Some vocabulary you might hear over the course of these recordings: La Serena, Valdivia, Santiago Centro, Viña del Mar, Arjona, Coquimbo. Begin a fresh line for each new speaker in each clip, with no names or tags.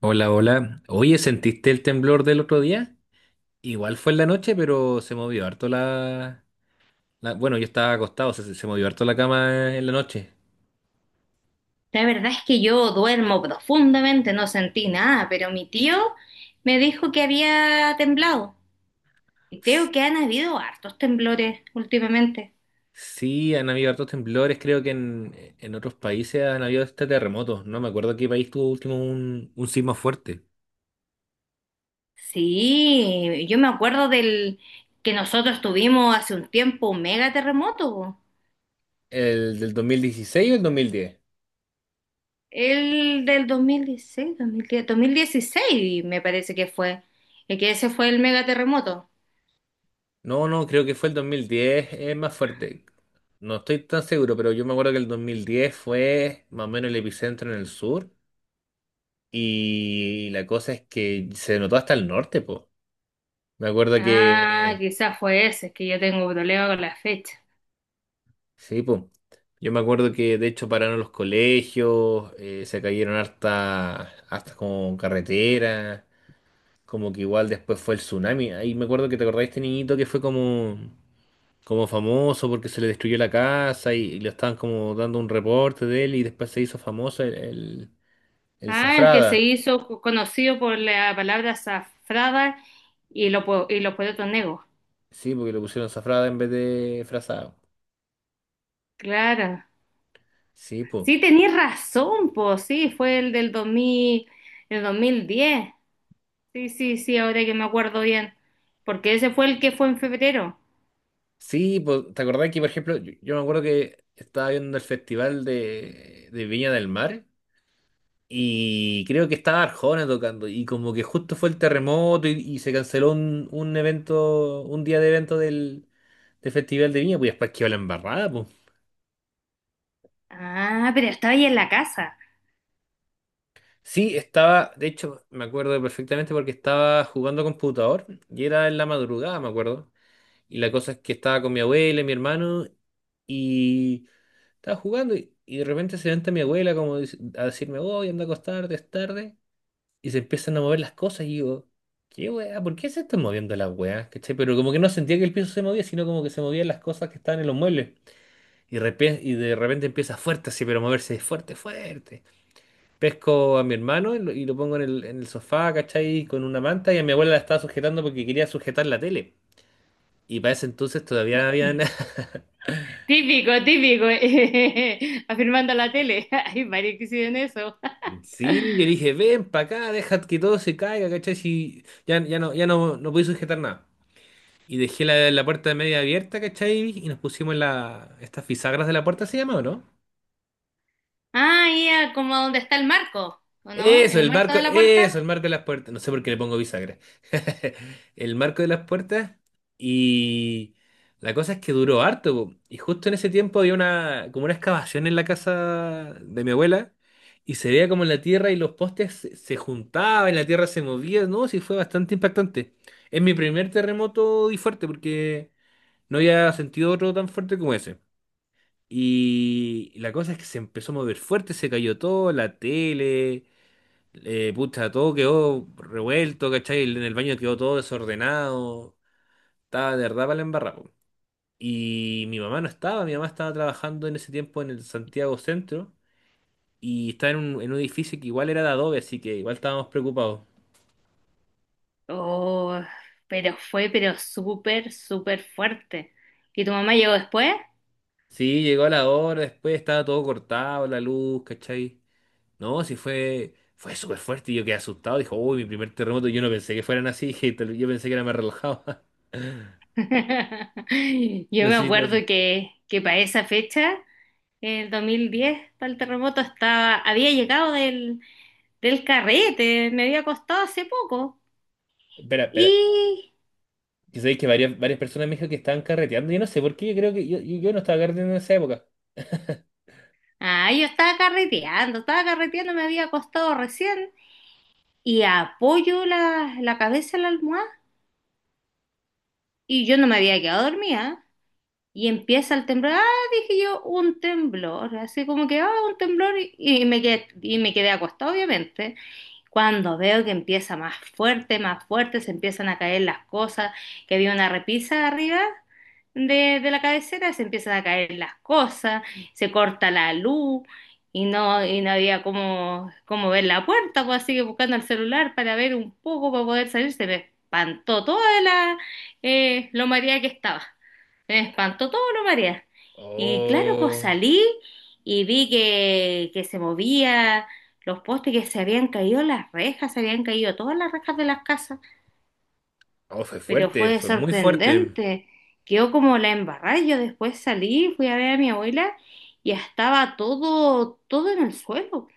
Hola, hola. Oye, ¿sentiste el temblor del otro día? Igual fue en la noche, pero se movió harto Bueno, yo estaba acostado, se movió harto la cama en la noche.
La verdad es que yo duermo profundamente, no sentí nada, pero mi tío me dijo que había temblado. Y
S-
creo que han habido hartos temblores últimamente.
Sí, han habido hartos temblores, creo que en otros países han habido terremotos. No me acuerdo qué país tuvo último un sismo fuerte.
Sí, yo me acuerdo del que nosotros tuvimos hace un tiempo un mega terremoto, po.
¿El del 2016 o el 2010?
El del 2016, me parece que fue. El que Ese fue el mega terremoto.
No, no, creo que fue el 2010, es más fuerte. No estoy tan seguro, pero yo me acuerdo que el 2010 fue más o menos el epicentro en el sur. Y la cosa es que se notó hasta el norte, po. Me acuerdo
Ah,
que,
quizás fue ese, es que yo tengo problema con la fecha.
sí, po. Yo me acuerdo que de hecho pararon los colegios, se cayeron hasta, como carretera, como que igual después fue el tsunami. Ahí me acuerdo que te acordás de este niñito que fue como famoso porque se le destruyó la casa y le estaban como dando un reporte de él y después se hizo famoso el
Ah, el que se
Zafrada.
hizo conocido por la palabra azafrada y los poetas negros.
Sí, porque lo pusieron Zafrada en vez de Frazado.
Claro.
Sí, pues.
Sí, tenías razón, pues sí, fue el del 2010. Sí, sí, sí, ahora que me acuerdo bien. Porque ese fue el que fue en febrero.
Sí, pues, ¿te acordás que, por ejemplo, yo me acuerdo que estaba viendo el festival de Viña del Mar y creo que estaba Arjona tocando y como que justo fue el terremoto y se canceló un evento, un día de evento del festival de Viña, pues después quedó la embarrada, pues.
Ah, pero estaba ahí en la casa.
Sí, estaba, de hecho, me acuerdo perfectamente porque estaba jugando computador y era en la madrugada, me acuerdo. Y la cosa es que estaba con mi abuela y mi hermano. Estaba jugando y de repente se levanta mi abuela como a decirme, voy, anda a acostarte, es tarde. Y se empiezan a mover las cosas y digo, ¿qué weá? ¿Por qué se están moviendo las weas? ¿Cachai? Pero como que no sentía que el piso se movía, sino como que se movían las cosas que estaban en los muebles. Y de repente empieza fuerte así, pero moverse fuerte, fuerte. Pesco a mi hermano y lo pongo en el sofá, ¿cachai? Con una manta y a mi abuela la estaba sujetando porque quería sujetar la tele. Y para ese entonces todavía habían
Típico, típico. Afirmando la tele. Hay varios que hicieron eso.
Sí, yo dije, ven para acá, deja que todo se caiga, ¿cachai? Si ya, ya no, ya no, no pude sujetar nada. Y dejé la puerta media abierta, ¿cachai? Y nos pusimos estas fisagras de la puerta, ¿se llama o no?
Ah, ya, como donde está el marco, ¿o no? ¿El marco de la
Eso,
puerta?
el marco de las puertas. No sé por qué le pongo bisagra. El marco de las puertas. Y la cosa es que duró harto, po. Y justo en ese tiempo había como una excavación en la casa de mi abuela. Y se veía como la tierra y los postes se juntaban, la tierra se movía. No, sí, fue bastante impactante. Es mi primer terremoto y fuerte porque no había sentido otro tan fuerte como ese. Y la cosa es que se empezó a mover fuerte, se cayó todo, la tele. Pucha, todo quedó revuelto, ¿cachai? En el baño quedó todo desordenado. Estaba de verdad para la embarrada, po. Y mi mamá no estaba, mi mamá estaba trabajando en ese tiempo en el Santiago Centro y estaba en un, edificio que igual era de adobe, así que igual estábamos preocupados.
Oh, pero súper, súper fuerte. ¿Que tu mamá llegó después?
Sí, llegó la hora, después estaba todo cortado, la luz, ¿cachai? No, sí fue súper fuerte y yo quedé asustado. Dijo, uy, mi primer terremoto, yo no pensé que fueran así, yo pensé que era más relajado.
Yo
No
me
sé si te pasa.
acuerdo que para esa fecha, el 2010, para el terremoto, estaba, había llegado del carrete, me había acostado hace poco.
Espera, espera.
Y,
Yo sabéis que varias personas me dijeron que estaban carreteando. Yo no sé por qué, yo creo que yo no estaba carreteando en esa época.
ah, yo estaba carreteando, me había acostado recién y apoyo la cabeza en la almohada y yo no me había quedado dormida. Y empieza el temblor, ah, dije yo, un temblor, así como que, ah, un temblor, y me quedé acostado, obviamente. Cuando veo que empieza más fuerte, se empiezan a caer las cosas, que había una repisa arriba de la cabecera, se empiezan a caer las cosas, se corta la luz, y no había cómo ver la puerta, pues así que buscando el celular para ver un poco, para poder salir, se me espantó toda lo mareada que estaba. Me espantó todo lo marea. Y claro, pues
Oh,
salí y vi que se movía, los postes que se habían caído, las rejas, se habían caído todas las rejas de las casas,
oh, fue
pero
fuerte,
fue
fue muy fuerte.
sorprendente. Quedó como la embarrada. Yo después salí, fui a ver a mi abuela y estaba todo en el suelo,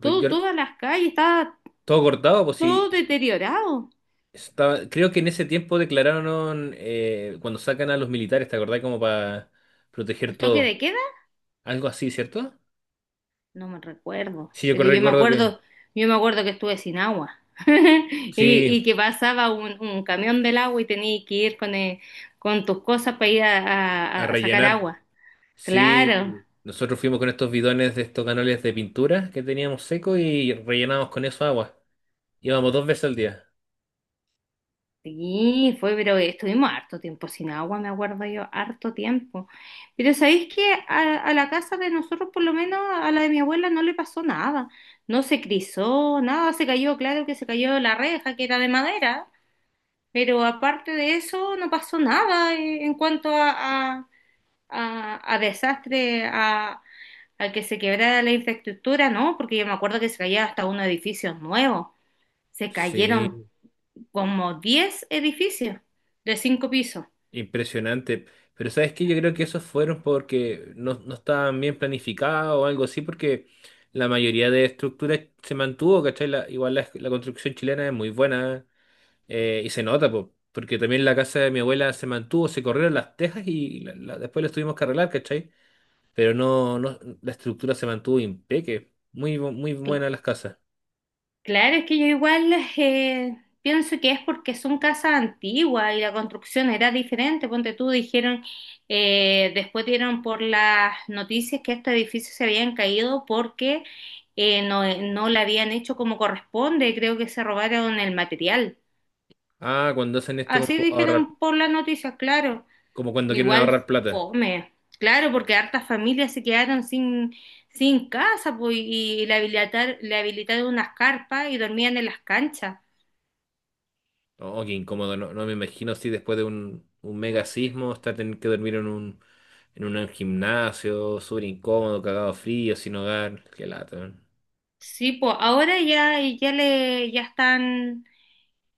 Pues yo
todas las calles, estaba
todo cortado, pues sí.
todo deteriorado.
Estaba, creo que en ese tiempo declararon cuando sacan a los militares, ¿te acordás? Como para proteger
El toque
todo.
de queda.
Algo así, ¿cierto?
No me recuerdo,
Sí, yo
pero
recuerdo que
yo me acuerdo que estuve sin agua y, y
sí,
que pasaba un camión del agua y tenías que ir con tus cosas para ir a, a-
a
a sacar
rellenar.
agua. Claro,
Sí, nosotros fuimos con estos bidones de estos canales de pintura que teníamos seco y rellenamos con eso agua. Íbamos dos veces al día.
sí, pero estuvimos harto tiempo sin agua, me acuerdo yo, harto tiempo. Pero sabéis que a la casa de nosotros, por lo menos a la de mi abuela, no le pasó nada, no se crisó, nada, se cayó, claro que se cayó la reja que era de madera. Pero aparte de eso, no pasó nada, en cuanto a desastre, a que se quebrara la infraestructura, ¿no? Porque yo me acuerdo que se caía hasta unos edificios nuevos. Se cayeron
Sí,
como 10 edificios de 5 pisos.
impresionante. Pero ¿sabes qué? Yo creo que esos fueron porque no, no estaban bien planificados o algo así, porque la mayoría de estructuras se mantuvo, ¿cachai? Igual la construcción chilena es muy buena, y se nota, po, porque también la casa de mi abuela se mantuvo, se corrieron las tejas y después las tuvimos que arreglar, ¿cachai? Pero no, no, la estructura se mantuvo impeque. Muy buenas las casas.
Claro, es que yo igual, pienso que es porque son casas antiguas y la construcción era diferente. Ponte tú, dijeron, después dieron por las noticias que estos edificios se habían caído porque, no, no la habían hecho como corresponde. Creo que se robaron el material.
Ah, cuando hacen esto
Así
como ahorrar,
dijeron por las noticias, claro.
como cuando quieren
Igual
ahorrar plata.
fome. Claro, porque hartas familias se quedaron sin casa, pues, y le habilitaron unas carpas y dormían en las canchas.
Oh, qué incómodo. No, no me imagino si después de un mega sismo está tener que dormir en un gimnasio, súper incómodo, cagado frío, sin hogar. Qué lata, man.
Sí, pues ahora ya, ya le, ya están,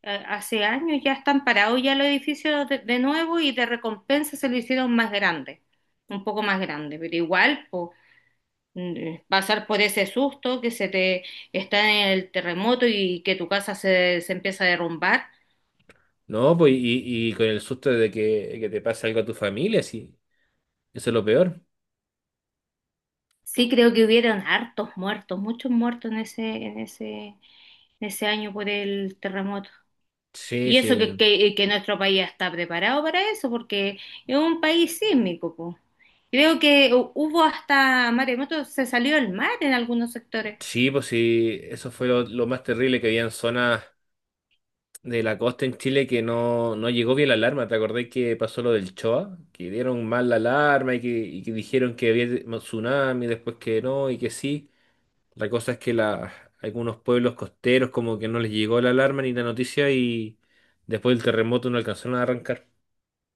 eh, hace años ya están parados ya los edificios de nuevo y de recompensa se lo hicieron más grande, un poco más grande, pero igual, pues, pasar por ese susto que se te está en el terremoto y que tu casa se empieza a derrumbar.
No, pues y con el susto de que te pase algo a tu familia, sí. Eso es lo peor.
Sí, creo que hubieron hartos muertos, muchos muertos en ese año por el terremoto.
Sí,
Y eso
sí.
que nuestro país está preparado para eso, porque es un país sísmico, po. Creo que hubo hasta maremotos, se salió el mar en algunos sectores.
Sí, pues sí. Eso fue lo más terrible que había en zonas de la costa en Chile que no, no llegó bien la alarma. ¿Te acordás que pasó lo del Choa? Que dieron mal la alarma y que dijeron que había tsunami, después que no y que sí. La cosa es que algunos pueblos costeros como que no les llegó la alarma ni la noticia y después del terremoto no alcanzaron a arrancar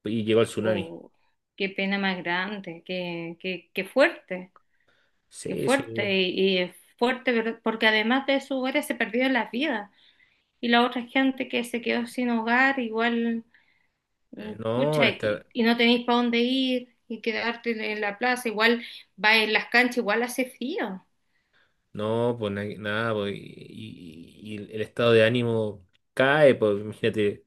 y llegó el tsunami.
Oh, qué pena más grande, qué fuerte, qué
Sí, sí.
fuerte. Y es fuerte porque además de sus hogares se perdieron las vidas. Y la otra gente que se quedó sin hogar, igual,
Eh, No,
pucha,
esta-
y no tenéis para dónde ir y quedarte en la plaza, igual va en las canchas, igual hace frío.
no, pues nada, pues, y el estado de ánimo cae, pues imagínate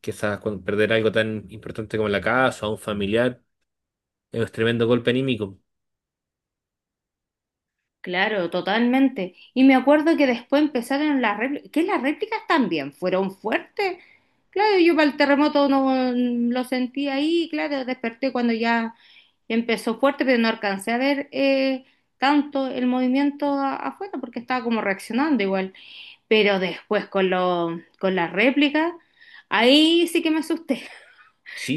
quizás cuando perder algo tan importante como la casa o a un familiar, es un tremendo golpe anímico.
Claro, totalmente. Y me acuerdo que después empezaron las réplicas, que las réplicas también fueron fuertes. Claro, yo para el terremoto no, lo sentí ahí, claro, desperté cuando ya empezó fuerte, pero no alcancé a ver, tanto el movimiento afuera porque estaba como reaccionando igual. Pero después con con las réplicas, ahí sí que me asusté,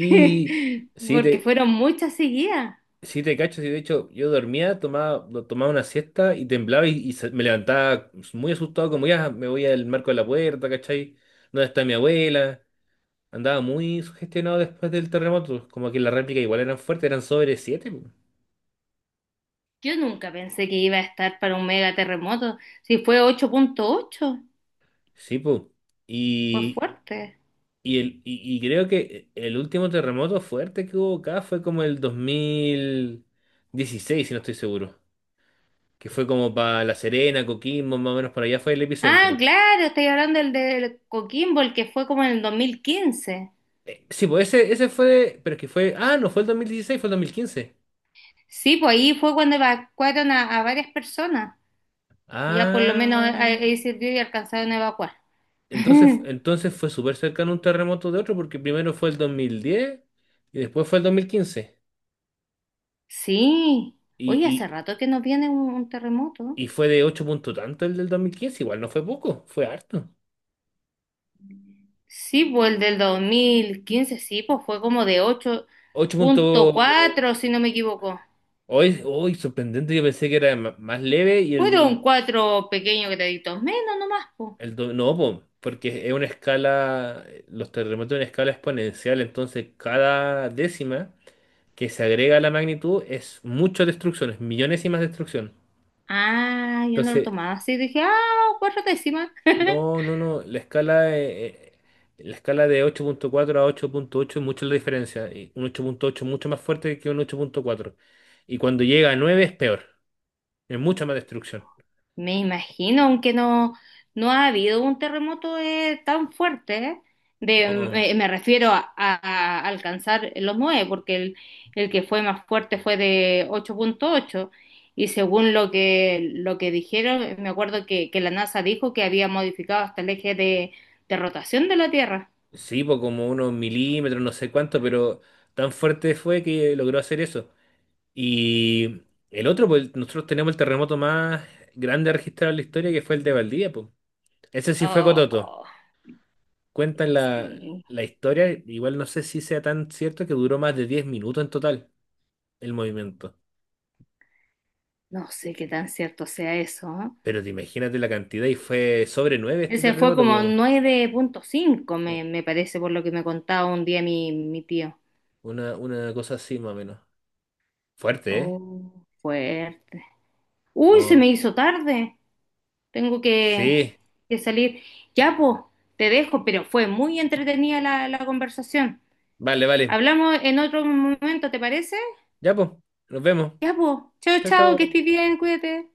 sí,
porque fueron muchas seguidas.
Te cacho, sí, de hecho, yo dormía, tomaba una siesta y temblaba y me levantaba muy asustado, como ya me voy al marco de la puerta, ¿cachai? ¿Dónde está mi abuela? Andaba muy sugestionado después del terremoto, como que las réplicas igual eran fuertes, eran sobre siete, po.
Yo nunca pensé que iba a estar para un mega terremoto. Si fue 8.8,
Sí, pues.
fue
Y,
fuerte.
y creo que el último terremoto fuerte que hubo acá fue como el 2016, si no estoy seguro, que fue como para La Serena, Coquimbo, más o menos para allá fue el
Ah,
epicentro.
claro, estoy hablando del de Coquimbo, el que fue como en el 2015.
Sí, pues ese, fue, pero es que fue, no fue el 2016, fue el 2015.
Sí, pues ahí fue cuando evacuaron a varias personas. Ya por lo menos
Ah,
ahí sirvió y alcanzaron a evacuar.
entonces, entonces fue súper cercano un terremoto de otro, porque primero fue el 2010 y después fue el 2015.
Sí. Oye, hace
Y,
rato que no viene un terremoto.
y fue de 8 puntos, tanto el del 2015 igual no fue poco, fue harto.
Sí, pues el del 2015, sí, pues fue como de
Ocho puntos,
8.4, si no me equivoco.
hoy, hoy sorprendente, yo pensé que era más leve y el
Fueron
del,
cuatro pequeños graditos menos nomás, po.
no, po, porque es una escala, los terremotos en escala exponencial, entonces cada décima que se agrega a la magnitud es mucha destrucción, es millones y más destrucción.
Ah, yo no lo
Entonces,
tomaba así. Dije, ah, cuatro décimas.
no, no, no, la escala de 8.4 a 8.8 es mucho la diferencia. Y un 8.8 es mucho más fuerte que un 8.4. Y cuando llega a 9 es peor, es mucha más destrucción.
Me imagino, aunque no, no ha habido un terremoto, tan fuerte, ¿eh? de,
No,
me, me refiero a alcanzar los nueve, porque el que fue más fuerte fue de 8.8 y según lo que dijeron, me acuerdo que la NASA dijo que había modificado hasta el eje de rotación de la Tierra.
sí, por como unos milímetros, no sé cuánto, pero tan fuerte fue que logró hacer eso. Y el otro, pues nosotros tenemos el terremoto más grande registrado en la historia, que fue el de Valdivia, pues. Ese sí fue cototo.
Oh,
Cuentan la,
sí.
la historia, igual no sé si sea tan cierto que duró más de 10 minutos en total el movimiento.
No sé qué tan cierto sea eso, ¿no?
Pero te imagínate la cantidad y fue sobre 9 este
Ese fue como
terremoto,
9.5,
po. U-
me parece, por lo que me contaba un día mi tío.
Una, una cosa así más o menos. Fuerte, ¿eh?
Oh, fuerte. Uy, se
Oh,
me hizo tarde. Tengo que,
sí,
que salir. Ya, pues, te dejo, pero fue muy entretenida la conversación.
vale, vale.
Hablamos en otro momento, ¿te parece?
Ya, pues, nos vemos.
Ya, pues. Chao,
Chao,
chao, que
chao.
estés bien, cuídate.